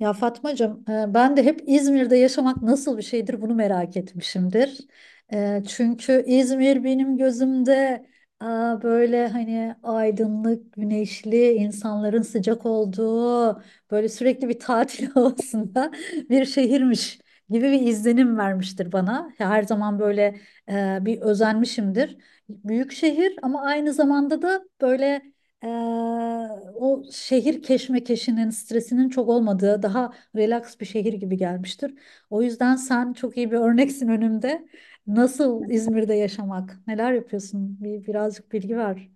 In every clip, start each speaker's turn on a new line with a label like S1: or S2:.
S1: Ya Fatmacığım, ben de hep İzmir'de yaşamak nasıl bir şeydir bunu merak etmişimdir. E, Çünkü İzmir benim gözümde e, böyle hani aydınlık, güneşli, insanların sıcak olduğu, böyle sürekli bir tatil havasında bir şehirmiş gibi bir izlenim vermiştir bana. Her zaman böyle bir özenmişimdir. Büyük şehir ama aynı zamanda da böyle ee, o şehir keşmekeşinin, stresinin çok olmadığı, daha relax bir şehir gibi gelmiştir. O yüzden sen çok iyi bir örneksin önümde. Nasıl İzmir'de yaşamak? Neler yapıyorsun? Birazcık bilgi ver.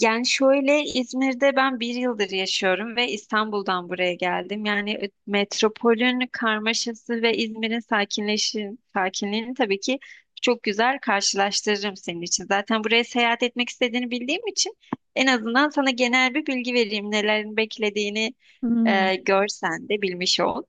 S2: Yani şöyle İzmir'de ben bir yıldır yaşıyorum ve İstanbul'dan buraya geldim. Yani metropolün karmaşası ve İzmir'in sakinliğini tabii ki çok güzel karşılaştırırım senin için. Zaten buraya seyahat etmek istediğini bildiğim için en azından sana genel bir bilgi vereyim. Nelerin beklediğini
S1: Hmm.
S2: görsen de bilmiş ol.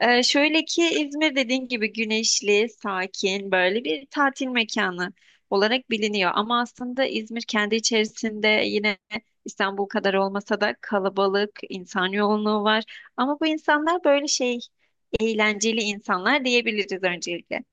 S2: Şöyle ki İzmir dediğin gibi güneşli, sakin, böyle bir tatil mekanı olarak biliniyor. Ama aslında İzmir kendi içerisinde yine İstanbul kadar olmasa da kalabalık, insan yoğunluğu var. Ama bu insanlar böyle şey eğlenceli insanlar diyebiliriz öncelikle.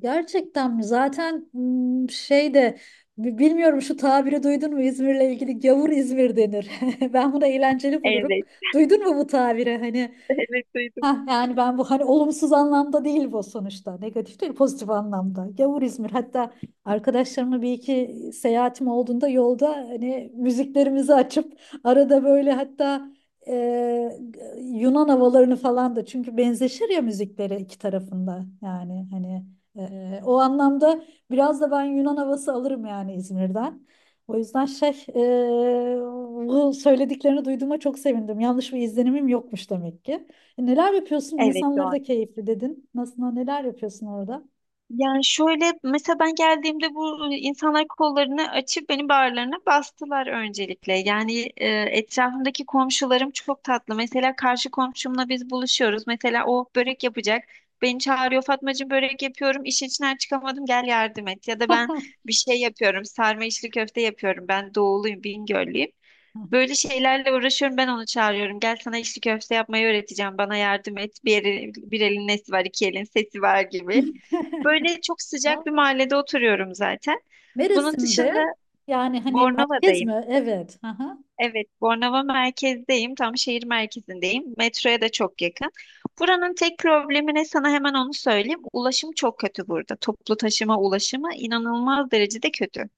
S1: Gerçekten mi? Zaten hmm, bilmiyorum şu tabiri duydun mu İzmir'le ilgili, gavur İzmir denir. Ben bunu eğlenceli bulurum.
S2: Evet,
S1: Duydun mu bu tabiri? Hani
S2: evet duydum.
S1: ha, yani ben bu hani olumsuz anlamda değil bu sonuçta. Negatif değil, pozitif anlamda. Gavur İzmir. Hatta arkadaşlarımla bir iki seyahatim olduğunda yolda hani müziklerimizi açıp arada böyle hatta e, Yunan havalarını falan da, çünkü benzeşir ya müzikleri iki tarafında. Yani hani o anlamda biraz da ben Yunan havası alırım yani İzmir'den. O yüzden bu söylediklerini duyduğuma çok sevindim. Yanlış bir izlenimim yokmuş demek ki. E, Neler yapıyorsun?
S2: Evet,
S1: İnsanları
S2: doğru.
S1: da keyifli dedin. Nasıl, neler yapıyorsun orada?
S2: Yani şöyle mesela ben geldiğimde bu insanlar kollarını açıp benim bağırlarına bastılar öncelikle. Yani etrafımdaki komşularım çok tatlı. Mesela karşı komşumla biz buluşuyoruz. Mesela o börek yapacak. Beni çağırıyor, Fatmacığım börek yapıyorum. İşin içinden çıkamadım, gel yardım et. Ya da ben bir şey yapıyorum. Sarma, içli köfte yapıyorum. Ben doğuluyum, Bingöllüyüm. Böyle şeylerle uğraşıyorum, ben onu çağırıyorum. Gel sana içli köfte yapmayı öğreteceğim, bana yardım et. Bir elin nesi var, iki elin sesi var gibi. Böyle çok sıcak bir
S1: Aa,
S2: mahallede oturuyorum zaten. Bunun dışında
S1: Mersin'de, yani hani merkez
S2: Bornova'dayım.
S1: mi? Evet. Aha.
S2: Evet, Bornova merkezdeyim. Tam şehir merkezindeyim. Metroya da çok yakın. Buranın tek problemi ne sana hemen onu söyleyeyim. Ulaşım çok kötü burada. Toplu taşıma ulaşımı inanılmaz derecede kötü.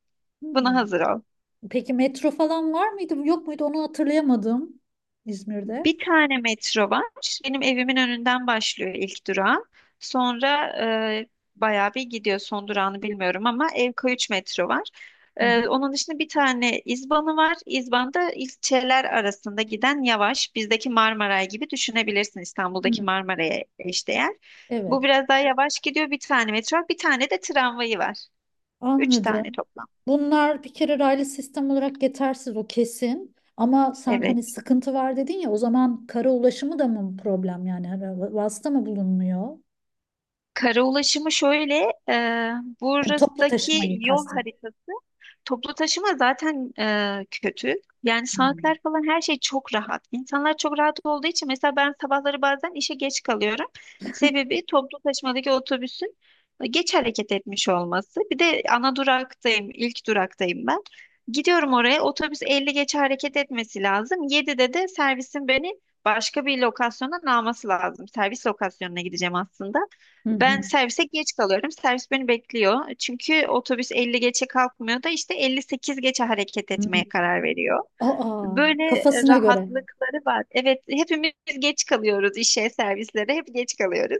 S2: Buna
S1: Hmm.
S2: hazır ol.
S1: Peki metro falan var mıydı? Yok muydu? Onu hatırlayamadım. İzmir'de.
S2: Bir tane metro var. Benim evimin önünden başlıyor ilk durağı. Sonra e, bayağı bir gidiyor, son durağını bilmiyorum ama Evköy 3 metro var.
S1: Hı hı.
S2: Onun dışında bir tane İzban'ı var. İzban'da ilçeler arasında giden yavaş. Bizdeki Marmaray gibi düşünebilirsin,
S1: Hmm.
S2: İstanbul'daki Marmaray'a eşdeğer. Bu
S1: Evet.
S2: biraz daha yavaş gidiyor. Bir tane metro var. Bir tane de tramvayı var. Üç tane
S1: Anladım.
S2: toplam.
S1: Bunlar bir kere raylı sistem olarak yetersiz, o kesin. Ama sen hani
S2: Evet.
S1: sıkıntı var dedin ya, o zaman kara ulaşımı da mı problem yani? Hani vasıta mı bulunmuyor?
S2: Kara ulaşımı şöyle,
S1: Yani toplu
S2: buradaki
S1: taşımayı
S2: yol
S1: kastet.
S2: haritası toplu taşıma zaten kötü. Yani
S1: Hmm.
S2: saatler falan her şey çok rahat. İnsanlar çok rahat olduğu için mesela ben sabahları bazen işe geç kalıyorum. Sebebi toplu taşımadaki otobüsün geç hareket etmiş olması. Bir de ana duraktayım, ilk duraktayım ben. Gidiyorum oraya, otobüs 50 geç hareket etmesi lazım. 7'de de servisin beni başka bir lokasyondan alması lazım. Servis lokasyonuna gideceğim aslında.
S1: Hı
S2: Ben
S1: hı.
S2: servise geç kalıyorum. Servis beni bekliyor. Çünkü otobüs 50 geçe kalkmıyor da işte 58 geçe hareket
S1: Hı.
S2: etmeye karar veriyor.
S1: Aa,
S2: Böyle
S1: kafasına göre.
S2: rahatlıkları var. Evet, hepimiz geç kalıyoruz işe, servislere hep geç kalıyoruz.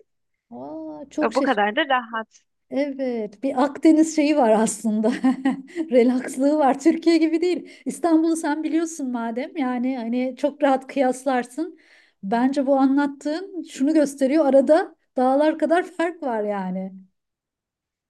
S1: Aa, çok
S2: Bu
S1: şaşır.
S2: kadar da rahat.
S1: Evet, bir Akdeniz şeyi var aslında. Relakslığı var. Türkiye gibi değil. İstanbul'u sen biliyorsun madem. Yani hani çok rahat kıyaslarsın. Bence bu anlattığın şunu gösteriyor. Arada dağlar kadar fark var yani.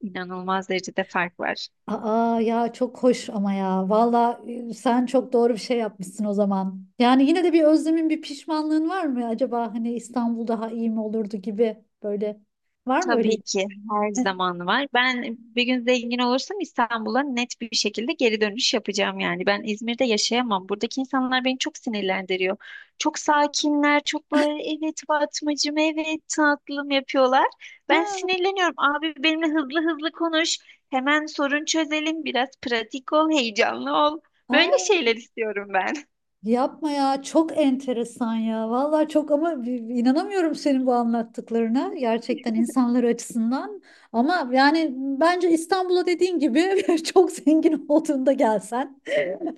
S2: İnanılmaz derecede fark var.
S1: Aa ya, çok hoş ama ya. Valla sen çok doğru bir şey yapmışsın o zaman. Yani yine de bir özlemin, bir pişmanlığın var mı acaba, hani İstanbul daha iyi mi olurdu gibi böyle. Var mı öyle?
S2: Tabii ki her zaman var. Ben bir gün zengin olursam İstanbul'a net bir şekilde geri dönüş yapacağım yani. Ben İzmir'de yaşayamam. Buradaki insanlar beni çok sinirlendiriyor. Çok sakinler, çok böyle evet Fatmacığım, evet tatlım yapıyorlar. Ben
S1: Ha,
S2: sinirleniyorum. Abi benimle hızlı hızlı konuş. Hemen sorun çözelim. Biraz pratik ol, heyecanlı ol. Böyle
S1: aa,
S2: şeyler istiyorum ben.
S1: yapma ya, çok enteresan ya. Valla çok, ama bir inanamıyorum senin bu anlattıklarına. Gerçekten insanlar açısından. Ama yani bence İstanbul'a dediğin gibi çok zengin olduğunda gelsen.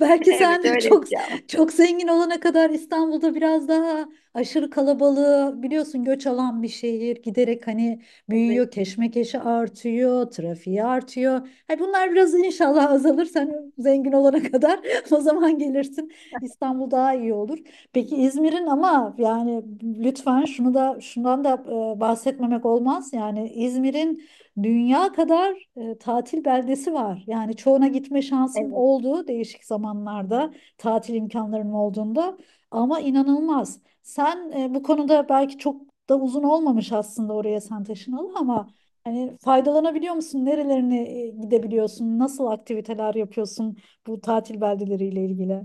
S1: Belki
S2: Evet,
S1: sen
S2: öyle
S1: çok
S2: yapacağım.
S1: çok zengin olana kadar İstanbul'da biraz daha aşırı kalabalığı biliyorsun, göç alan bir şehir, giderek hani
S2: Evet,
S1: büyüyor, keşmekeşi artıyor, trafiği artıyor. Hani bunlar biraz inşallah azalır sen zengin olana kadar, o zaman gelirsin. İstanbul daha iyi olur. Peki İzmir'in ama, yani lütfen şunu da şundan da bahsetmemek olmaz. Yani İzmir'in dünya kadar tatil beldesi var. Yani çoğuna gitme şansım
S2: evet.
S1: oldu değişik zamanlarda tatil imkanlarım olduğunda, ama inanılmaz. Sen bu konuda belki çok da uzun olmamış aslında oraya sen taşınalı, ama hani faydalanabiliyor musun? Nerelerine gidebiliyorsun? Nasıl aktiviteler yapıyorsun bu tatil beldeleriyle ilgili?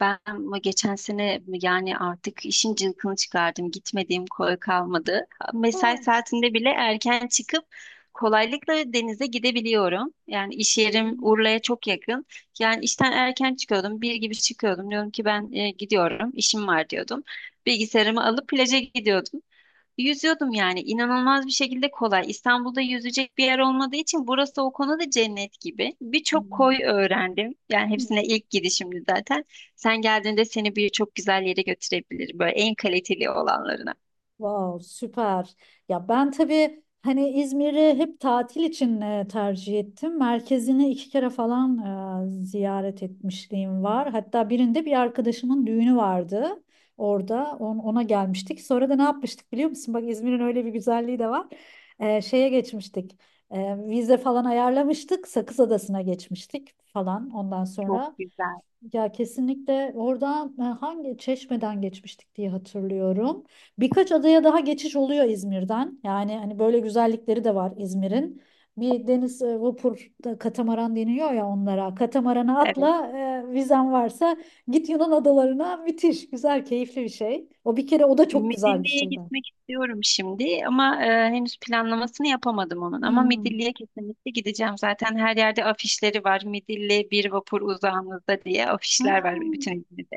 S2: Ben bu geçen sene yani artık işin cılkını çıkardım. Gitmediğim koy kalmadı. Mesai
S1: Ha.
S2: saatinde bile erken çıkıp kolaylıkla denize gidebiliyorum. Yani iş yerim Urla'ya çok yakın. Yani işten erken çıkıyordum. Bir gibi çıkıyordum. Diyorum ki ben gidiyorum, işim var diyordum. Bilgisayarımı alıp plaja gidiyordum. Yüzüyordum yani inanılmaz bir şekilde kolay. İstanbul'da yüzecek bir yer olmadığı için burası o konuda cennet gibi. Birçok
S1: Hmm.
S2: koy öğrendim. Yani hepsine ilk gidişimdi zaten. Sen geldiğinde seni birçok güzel yere götürebilir. Böyle en kaliteli olanlarına.
S1: Wow, süper. Ya ben tabii hani İzmir'i hep tatil için tercih ettim. Merkezini iki kere falan ziyaret etmişliğim var. Hatta birinde bir arkadaşımın düğünü vardı orada. Ona gelmiştik. Sonra da ne yapmıştık biliyor musun? Bak İzmir'in öyle bir güzelliği de var. Şeye geçmiştik. E, vize falan ayarlamıştık. Sakız Adası'na geçmiştik falan ondan
S2: Çok
S1: sonra.
S2: güzel.
S1: Ya kesinlikle oradan hangi, Çeşme'den geçmiştik diye hatırlıyorum. Birkaç adaya daha geçiş oluyor İzmir'den. Yani hani böyle güzellikleri de var İzmir'in. Bir deniz vapur da, katamaran deniyor ya onlara. Katamarana
S2: Evet.
S1: atla, vizen varsa git Yunan adalarına, müthiş güzel keyifli bir şey. O bir kere, o da çok güzel bir
S2: Midilli'ye
S1: şey ben.
S2: gitmek istiyorum şimdi ama henüz planlamasını yapamadım onun. Ama
S1: Hmm.
S2: Midilli'ye kesinlikle gideceğim. Zaten her yerde afişleri var. Midilli bir vapur uzağınızda diye
S1: Ha.
S2: afişler var bütün İzmir'de.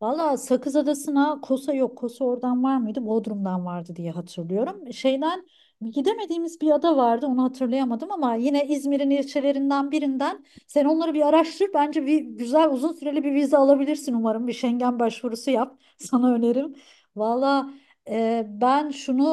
S1: Valla Sakız Adası'na Kosa yok. Kosa oradan var mıydı? Bodrum'dan vardı diye hatırlıyorum. Şeyden gidemediğimiz bir ada vardı. Onu hatırlayamadım ama yine İzmir'in ilçelerinden birinden. Sen onları bir araştır. Bence bir güzel uzun süreli bir vize alabilirsin umarım. Bir Schengen başvurusu yap. Sana önerim. Valla ben şunu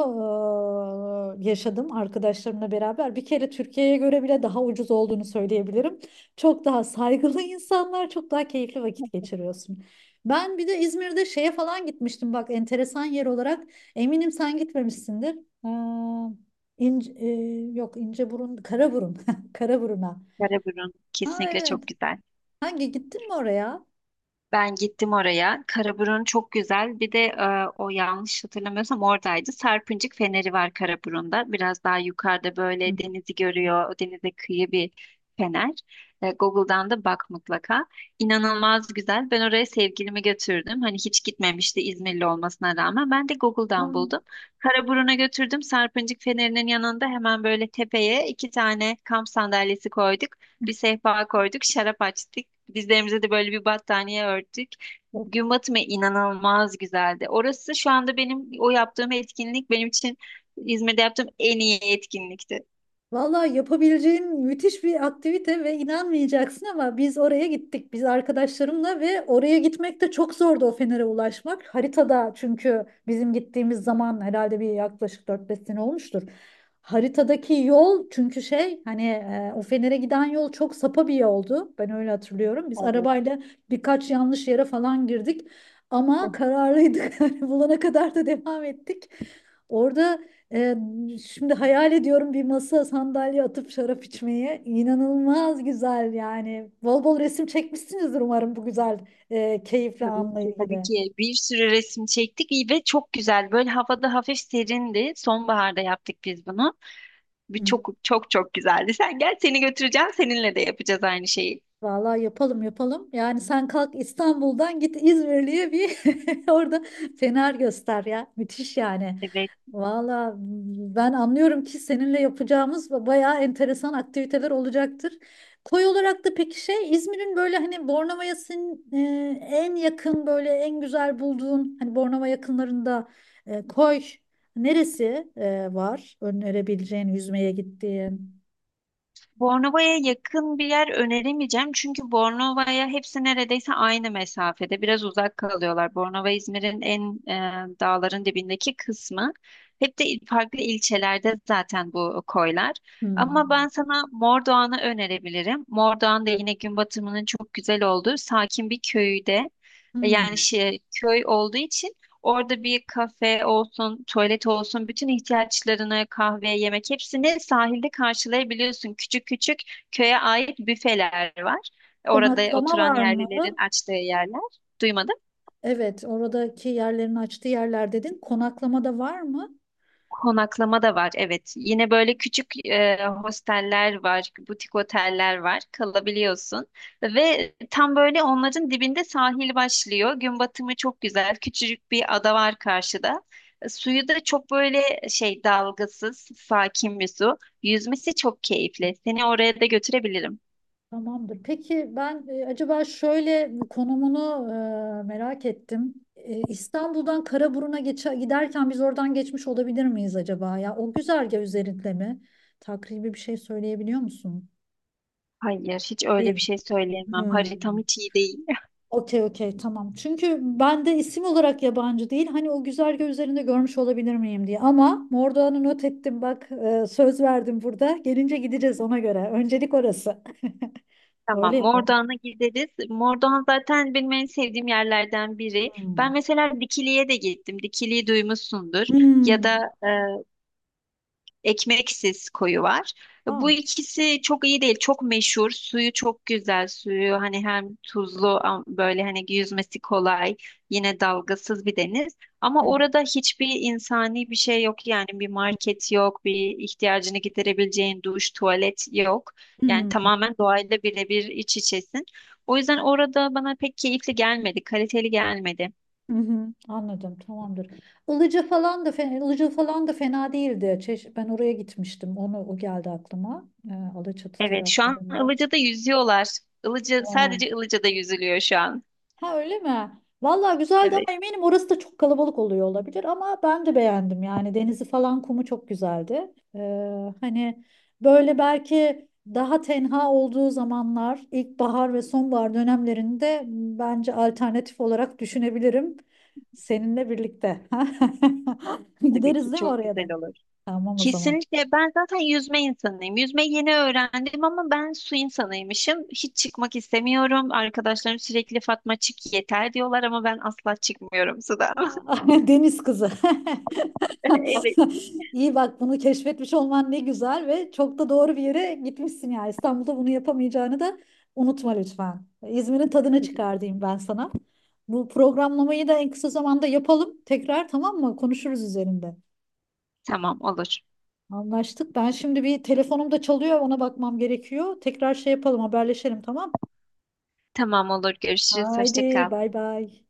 S1: yaşadım arkadaşlarımla beraber. Bir kere Türkiye'ye göre bile daha ucuz olduğunu söyleyebilirim. Çok daha saygılı insanlar, çok daha keyifli vakit geçiriyorsun. Ben bir de İzmir'de şeye falan gitmiştim bak, enteresan yer olarak. Eminim sen gitmemişsindir. Aa, ince, e, yok İnceburun, Karaburun. Karaburun'a.
S2: Karaburun
S1: Ha
S2: kesinlikle
S1: evet.
S2: çok güzel.
S1: Hangi, gittin mi oraya?
S2: Ben gittim oraya. Karaburun çok güzel. Bir de o, yanlış hatırlamıyorsam oradaydı. Sarpıncık Feneri var Karaburun'da. Biraz daha yukarıda
S1: Hı.
S2: böyle, denizi görüyor. O denize kıyı bir fener. Google'dan da bak mutlaka. İnanılmaz güzel. Ben oraya sevgilimi götürdüm. Hani hiç gitmemişti İzmirli olmasına rağmen. Ben de Google'dan buldum. Karaburun'a götürdüm. Sarpıncık Feneri'nin yanında hemen böyle tepeye iki tane kamp sandalyesi koyduk. Bir sehpa koyduk, şarap açtık. Dizlerimize de böyle bir battaniye örttük.
S1: Aa.
S2: Gün batımı inanılmaz güzeldi. Orası şu anda benim, o yaptığım etkinlik benim için İzmir'de yaptığım en iyi etkinlikti.
S1: Vallahi yapabileceğin müthiş bir aktivite ve inanmayacaksın ama biz oraya gittik. Biz arkadaşlarımla, ve oraya gitmek de çok zordu o Fener'e ulaşmak. Haritada, çünkü bizim gittiğimiz zaman herhalde bir yaklaşık 4 5 sene olmuştur. Haritadaki yol, çünkü şey, hani o Fener'e giden yol çok sapa bir yoldu. Ben öyle hatırlıyorum. Biz
S2: Evet,
S1: arabayla birkaç yanlış yere falan girdik ama kararlıydık. Yani bulana kadar da devam ettik. Orada ee, şimdi hayal ediyorum bir masa sandalye atıp şarap içmeye. İnanılmaz güzel yani. Bol bol resim çekmişsinizdir umarım bu güzel keyifli
S2: tabii
S1: anla
S2: ki tabii
S1: ilgili.
S2: ki bir sürü resim çektik ve çok güzel. Böyle havada hafif serindi. Sonbaharda yaptık biz bunu. Bir çok çok çok güzeldi. Sen gel, seni götüreceğim. Seninle de yapacağız aynı şeyi.
S1: Vallahi yapalım yapalım. Yani sen kalk İstanbul'dan, git İzmirli'ye bir orada fener göster ya. Müthiş yani.
S2: Evet.
S1: Vallahi ben anlıyorum ki seninle yapacağımız bayağı enteresan aktiviteler olacaktır. Koy olarak da peki şey, İzmir'in böyle hani Bornova'ya en yakın, böyle en güzel bulduğun hani Bornova yakınlarında koy neresi var önerebileceğin, yüzmeye gittiğin?
S2: Bornova'ya yakın bir yer öneremeyeceğim çünkü Bornova'ya hepsi neredeyse aynı mesafede. Biraz uzak kalıyorlar. Bornova İzmir'in en e, dağların dibindeki kısmı. Hep de farklı ilçelerde zaten bu koylar. Ama
S1: Hmm.
S2: ben sana Mordoğan'ı önerebilirim. Mordoğan da yine gün batımının çok güzel olduğu sakin bir köyde. Yani
S1: Hmm.
S2: şey, köy olduğu için orada bir kafe olsun, tuvalet olsun, bütün ihtiyaçlarını kahve, yemek hepsini sahilde karşılayabiliyorsun. Küçük küçük köye ait büfeler var. Orada
S1: Konaklama
S2: oturan
S1: var
S2: yerlilerin
S1: mı?
S2: açtığı yerler. Duymadın
S1: Evet, oradaki yerlerini açtığı yerler dedin. Konaklama da var mı?
S2: konaklama da var, evet. Yine böyle küçük hosteller var, butik oteller var, kalabiliyorsun. Ve tam böyle onların dibinde sahil başlıyor. Gün batımı çok güzel, küçücük bir ada var karşıda. Suyu da çok böyle şey, dalgasız, sakin bir su. Yüzmesi çok keyifli. Seni oraya da götürebilirim.
S1: Tamamdır. Peki ben acaba şöyle konumunu merak ettim. İstanbul'dan Karaburun'a giderken biz oradan geçmiş olabilir miyiz acaba? Ya o güzergah üzerinde mi? Takribi bir şey söyleyebiliyor musun?
S2: Hayır, hiç öyle
S1: Değil.
S2: bir şey söyleyemem. Haritam
S1: Hmm.
S2: hiç iyi değil.
S1: Okey okey, tamam. Çünkü ben de isim olarak yabancı değil. Hani o güzergah üzerinde görmüş olabilir miyim diye. Ama Mordoğan'ı not ettim bak, söz verdim burada. Gelince gideceğiz ona göre. Öncelik orası. Öyle
S2: Tamam,
S1: yapalım.
S2: Mordoğan'a gideriz. Mordoğan zaten benim en sevdiğim yerlerden biri. Ben
S1: Hmm.
S2: mesela Dikili'ye de gittim. Dikili'yi duymuşsundur. Ya
S1: Hmm.
S2: da ekmeksiz koyu var.
S1: Aa.
S2: Bu ikisi çok iyi değil, çok meşhur. Suyu çok güzel, suyu hani hem tuzlu, böyle hani yüzmesi kolay, yine dalgasız bir deniz.
S1: Hı,
S2: Ama orada hiçbir insani bir şey yok yani, bir
S1: hı,
S2: market yok, bir ihtiyacını giderebileceğin duş, tuvalet yok. Yani
S1: hı,
S2: tamamen doğayla birebir iç içesin. O yüzden orada bana pek keyifli gelmedi, kaliteli gelmedi.
S1: hı, hı. Anladım, tamamdır. Ilıca falan da fena, Ilıca falan da fena değildi. Ben oraya gitmiştim. Onu, o geldi aklıma. E, Alaçatı
S2: Evet, şu an
S1: taraflarında.
S2: Ilıca'da yüzüyorlar. Ilıca, sadece Ilıca'da yüzülüyor şu an.
S1: Ha, öyle mi? Vallahi güzeldi ama
S2: Evet.
S1: eminim orası da çok kalabalık oluyor olabilir, ama ben de beğendim yani, denizi falan kumu çok güzeldi. Hani böyle belki daha tenha olduğu zamanlar, ilkbahar ve sonbahar dönemlerinde bence alternatif olarak düşünebilirim seninle birlikte.
S2: Tabii ki
S1: Gideriz değil mi
S2: çok
S1: oraya da?
S2: güzel olur.
S1: Tamam o zaman.
S2: Kesinlikle ben zaten yüzme insanıyım. Yüzmeyi yeni öğrendim ama ben su insanıymışım. Hiç çıkmak istemiyorum. Arkadaşlarım sürekli Fatma çık yeter diyorlar ama ben asla çıkmıyorum sudan.
S1: Deniz kızı.
S2: Evet.
S1: İyi, bak bunu keşfetmiş olman ne güzel ve çok da doğru bir yere gitmişsin ya. İstanbul'da bunu yapamayacağını da unutma lütfen. İzmir'in tadını
S2: Evet.
S1: çıkar diyeyim ben sana. Bu programlamayı da en kısa zamanda yapalım. Tekrar, tamam mı? Konuşuruz üzerinde.
S2: Tamam olur.
S1: Anlaştık. Ben şimdi, bir telefonum da çalıyor. Ona bakmam gerekiyor. Tekrar şey yapalım, haberleşelim, tamam?
S2: Tamam olur. Görüşürüz.
S1: Haydi
S2: Hoşça kal.
S1: bay bay.